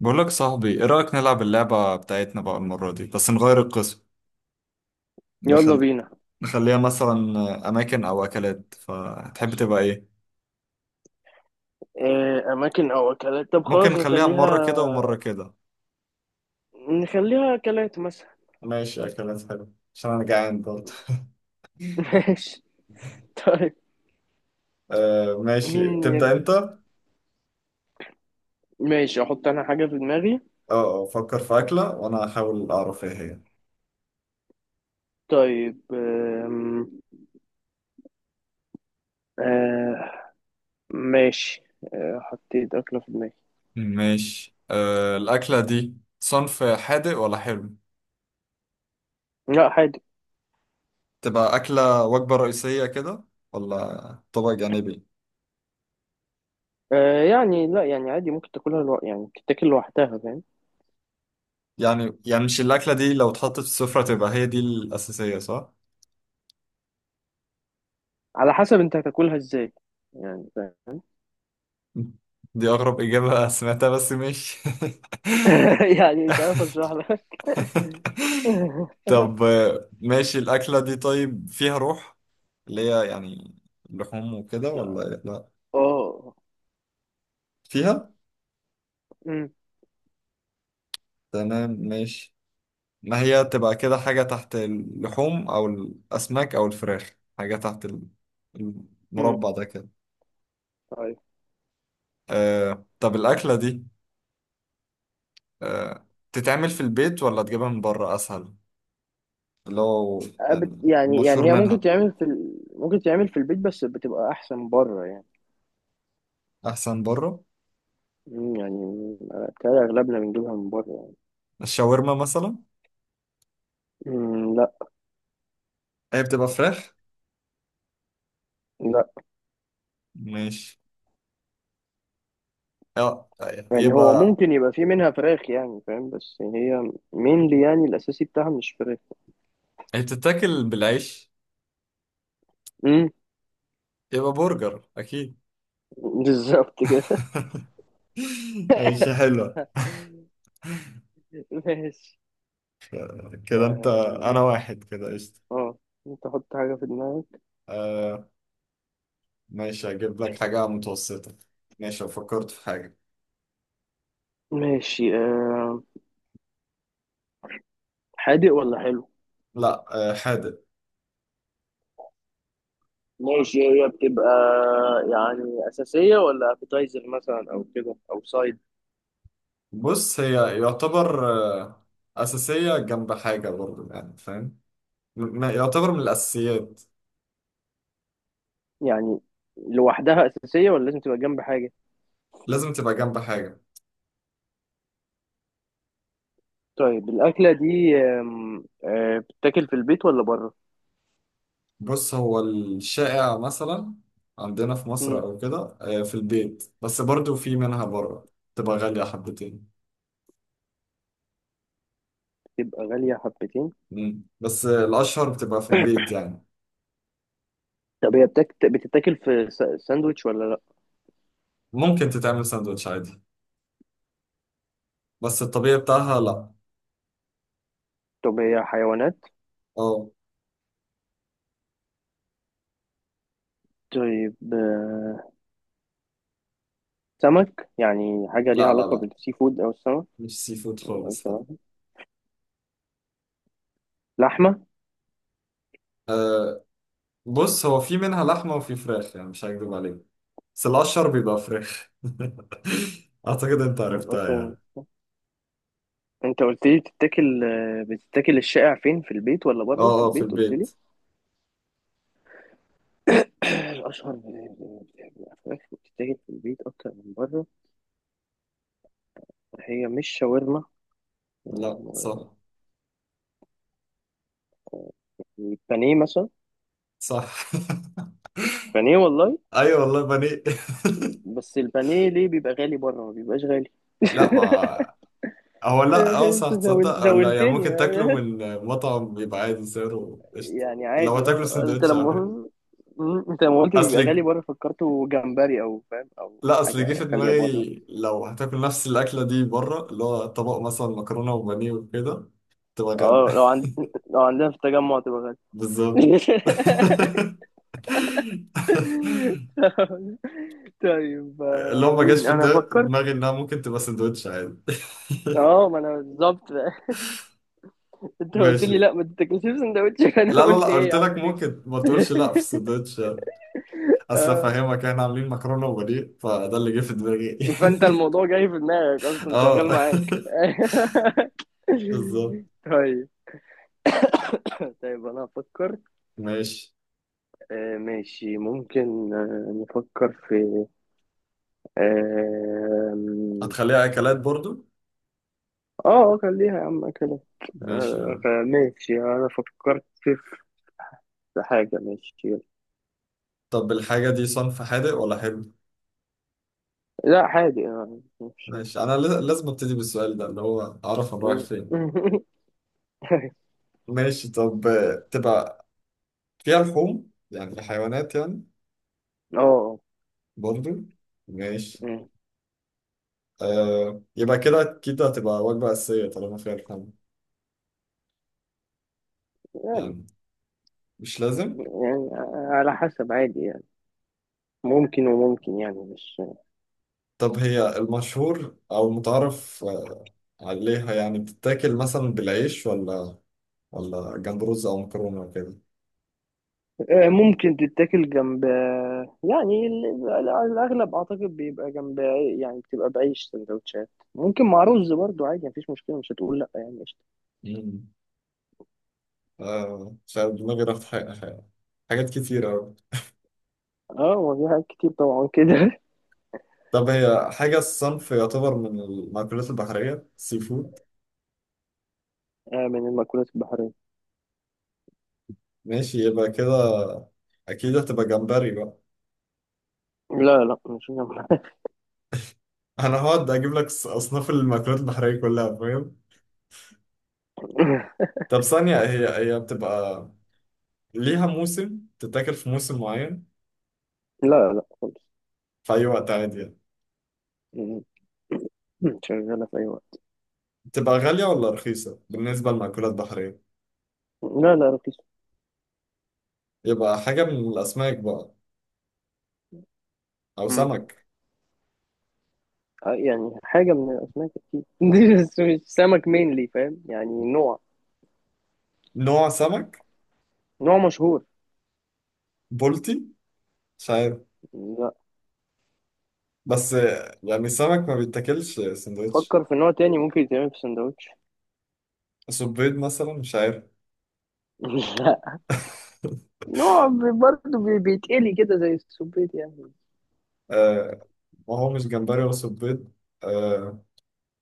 بقول لك صاحبي، ايه رأيك نلعب اللعبة بتاعتنا بقى؟ المرة دي بس نغير القسم. يلا نخل... بينا. نخليها مثلا أماكن أو أكلات، فتحب تبقى ايه؟ إيه أماكن أو أكلات؟ طب ممكن خلاص نخليها نخليها، مرة كده ومرة كده. نخليها أكلات مثلا. ماشي، أكلات حلو، عشان أنا جعان برضه. ماشي. طيب آه ماشي، مين تبدأ يبدأ؟ أنت. اه ماشي أحط أنا حاجة في دماغي. آه، فكر في أكلة وأنا هحاول أعرف ايه هي. طيب آه ماشي. آه حطيت أكلة في دماغي. ماشي، الأكلة دي صنف حادق ولا حلو؟ لا عادي. تبقى أكلة وجبة رئيسية كده ولا طبق جانبي؟ آه يعني لا يعني عادي، ممكن تاكلها يعني تتاكل لوحدها، فاهم؟ يعني مش الأكلة دي لو اتحطت في السفرة تبقى هي دي الأساسية، صح؟ على حسب أنت هتاكلها إزاي، يعني فاهم. دي أغرب إجابة سمعتها، بس مش يعني مش عارف أشرح لك. طب. ماشي، الأكلة دي طيب فيها روح، اللي هي يعني لحوم وكده ولا إيه؟ لا، اه. فيها. أمم، تمام ماشي. ما هي تبقى كده حاجة تحت اللحوم أو الأسماك أو الفراخ، حاجة تحت أمم. المربع ده كده. طيب. آه طب الأكلة دي تتعمل في البيت ولا تجيبها من بره اسهل، اللي هو يعني يعني المشهور هي ممكن منها؟ تعمل ممكن تعمل في البيت، بس بتبقى احسن بره يعني. احسن بره. يعني بتهيألي اغلبنا بنجيبها من بره يعني. الشاورما مثلا؟ لا. هي بتبقى فراخ. لا ماشي، اه. يعني هو يبقى ممكن يبقى في منها فراخ يعني فاهم، بس هي مينلي يعني الاساسي بتاعها مش فراخ. هي بتتاكل بالعيش؟ مم، يبقى برجر اكيد. بالظبط كده. ماشي حلوة. ماشي. كده انت، اه انا واحد كده، قشطة. آه، انت حط حاجة في دماغك. آه ماشي، هجيب لك حاجة متوسطة. ماشي لو فكرت في حاجة. ماشي حادق ولا حلو؟ لا، آه حادق. ماشي هي بتبقى يعني أساسية ولا أبيتايزر مثلا، أو كده أو سايد؟ بص هي يعتبر آه، أساسية جنب حاجة برضو، يعني فاهم. يعتبر من الأساسيات. يعني لوحدها أساسية ولا لازم تبقى جنب حاجة؟ لازم تبقى جنب حاجة. طيب الأكلة دي آم، آه، بتتاكل في البيت ولا بره؟ بص هو الشائع مثلا عندنا في مصر مم، أو كده في البيت، بس برضو في منها بره. تبقى غالية حبتين. تبقى غالية حبتين؟ مم. بس الأشهر بتبقى في البيت يعني. طب بتتاكل في ساندويتش ولا لأ؟ ممكن تتعمل ساندوتش عادي، بس الطبيعي بتاعها لأ. طب هي حيوانات؟ اه. طيب سمك يعني؟ حاجة ليها لا لا علاقة لا، بالسي فود أو السمك؟ مش سي فود خالص. ملهاش علاقة. لحمة. بص هو في منها لحمة وفي فراخ، يعني مش هكدب عليك، بس الأشهر بيبقى فراخ. أعتقد أنت عرفتها ملهاش علاقة. يعني. أنت قلت لي بتتاكل الشائع فين؟ في البيت ولا بره؟ في أه أه، في البيت قلت لي. البيت. الأشهر الفراخ بتتاكل في البيت أكتر من بره. هي مش شاورما؟ لا و- صح. البانيه مثلا. صح. بانيه والله. أيوة والله بني بس البانيه ليه بيبقى غالي بره، ما بيبقاش غالي؟ لا، ما هو لا، أه صح انت تصدق، أه لا يعني زولتني ممكن تاكله من مطعم بيبقى عادي سعره، قشطة. يعني لو عادي. هتاكله اه انت سندوتش أو لما حاجة. انت لما قلت بيبقى غالي أصل، بره، فكرته جمبري او فاهم، او لا أصل جه في حاجه غاليه دماغي بره. لو هتاكل نفس الأكلة دي بره، اللي هو طبق مثلا مكرونة وبانيه وكده، تبقى اه غالية. لو عندنا في التجمع تبقى غالي. بالظبط. طيب لو ما جاش مين؟ في انا افكر. دماغي انها ممكن تبقى سندوتش عادي اه ما انا بالظبط. انت قلت ماشي، لي لا ما تتاكلش في سندوتش، فانا لا لا قلت لا ايه قلت يا عم لك ليه؟ ممكن ما تقولش لا في السندوتش. اصل آه. افهمك احنا عاملين مكرونه وبانيه، فده اللي جه في دماغي. فانت الموضوع جاي في دماغك اصلا، اه شغال معاك. بالظبط. طيب. طيب انا هفكر. ماشي. آه ماشي، ممكن آه نفكر في آم، هتخليها اكلات برضو؟ اه خليها يا عم كده. ماشي. آه ماشي، انا فكرت في في حاجة. ماشي يلا. طب الحاجه دي صنف حادق ولا حلو؟ لا حاجة مش ماشي، انا لازم ابتدي بالسؤال ده، اللي هو اعرف انا رايح م-. فين. ماشي، طب تبقى فيها لحوم، يعني الحيوانات يعني؟ اه برضو. ماشي. م-. آه يبقى كده أكيد هتبقى وجبة أساسية طالما فيها لحوم. يعني يعني مش لازم. يعني على حسب، عادي يعني. ممكن وممكن، يعني مش طب هي المشهور أو المتعارف عليها، يعني بتتاكل مثلا بالعيش ولا جنب رز أو مكرونة وكده؟ ممكن تتاكل جنب يعني الأغلب أعتقد بيبقى جنب يعني بتبقى بعيش سندوتشات. ممكن مع رز برضو عادي، مفيش مشكلة، مش هتقول لأ يعني، قشطة. مم. آه مش عارف، دماغي راحت حاجات كتير أوي. اه هو في حاجات كتير طبعا كده. طب هي حاجة الصنف، يعتبر من المأكولات البحرية، سي فود؟ من المأكولات البحرية. ماشي يبقى كده، أكيد هتبقى جمبري بقى. لا لا، مش جنب. انا هقعد اجيب لك اصناف المأكولات البحرية كلها فاهم. طب ثانية، هي بتبقى ليها موسم تتاكل في موسم معين، لا لا خالص. في اي وقت عادي يعني؟ م-. م. شغالة في أي وقت. بتبقى غالية ولا رخيصة بالنسبة للمأكولات البحرية؟ لا لا، رخيصة. يبقى حاجة من الاسماك بقى، او م. سمك. يعني حاجة من الأسماك أكيد، بس مش سمك مينلي، فاهم؟ يعني نوع. نوع سمك. نوع مشهور. بولتي؟ مش عارف، لا. بس يعني السمك ما بيتاكلش سندوتش. فكر في نوع تاني ممكن يتعمل في سندوتش. صبيط مثلا؟ مش عارف. لا. نوع برضه بيتقلي كده زي السبيت يعني. آه، ما هو مش جمبري ولا صبيط. آه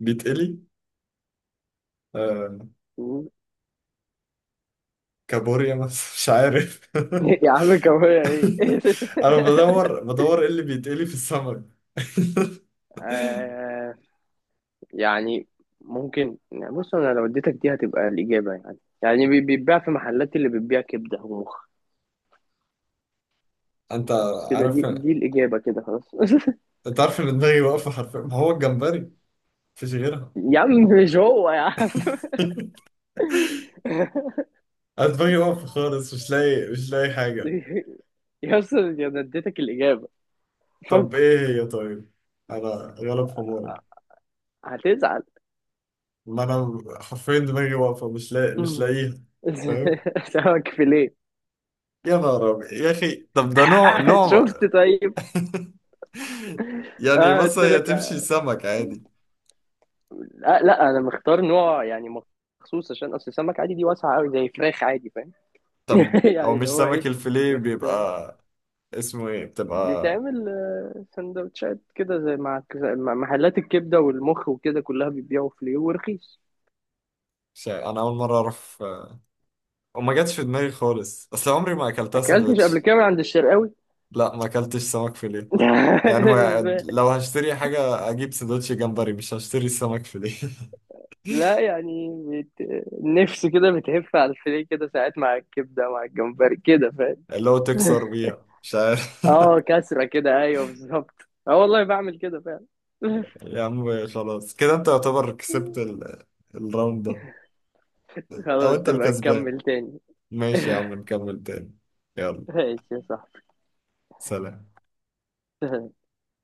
بيتقلي. آه مم. كابوريا مثلا؟ مش عارف يا عم كوارع ايه؟ انا بدور ايه اللي بيتقلي في السمك. آه. يعني ممكن، يعني بص، انا لو اديتك دي هتبقى الاجابه، يعني يعني بيتباع في محلات اللي بتبيع كبده ومخ. انت بس كده، عارف دي الاجابه كده خلاص. انت عارف ان دماغي واقفه حرفيا، ما هو الجمبري، مفيش غيرها. يا عم، مش هو يا عم. انا دماغي واقفه خالص، مش لاقي حاجه. يا اسطى، انا اديتك الاجابه. طب فك. ايه هي طيب، انا غلب حماري. هتزعل؟ ما انا حرفيا دماغي واقفه، مش لاقي مش لاقيها فاهم. سمك فيليه. يا نهار أبيض. يا اخي طب ده نوع شفت؟ نوع. طيب يعني اه قلت مثلا هي لك تمشي يعني. سمك عادي؟ لا لا، انا مختار نوع يعني مخصوص، عشان اصل السمك عادي دي واسعه قوي زي فراخ عادي، فاهم؟ طب او يعني مش اللي هو سمك ايه؟ الفيليه مختار. بيبقى اسمه ايه بتبقى؟ بيتعمل سندوتشات كده، زي مع زي مع محلات الكبده والمخ وكده، كلها بيبيعوا فيليه ورخيص. انا اول مره اعرف، وما جاتش في دماغي خالص، اصل عمري ما اكلتها ما اكلتش قبل سندوتش. كده من عند الشرقاوي؟ لا، ما اكلتش سمك فيليه. يعني ما... إزاي؟ لو هشتري حاجه اجيب سندوتش جمبري، مش هشتري سمك فيليه لا يعني بت... النفس كده بتهف على الفيليه كده ساعات، مع الكبده مع الجمبري كده، فاهم. اللي هو تكسر بيها مش عارف اه كسره كده، ايوه بالظبط. اه والله بعمل كده فعلا. يا عم خلاص كده انت يعتبر كسبت الراوند ده، او انت خلاص نبقى الكسبان. نكمل تاني. ماشي يا عم، نكمل تاني. يلا. ماشي يا صاحبي. سلام.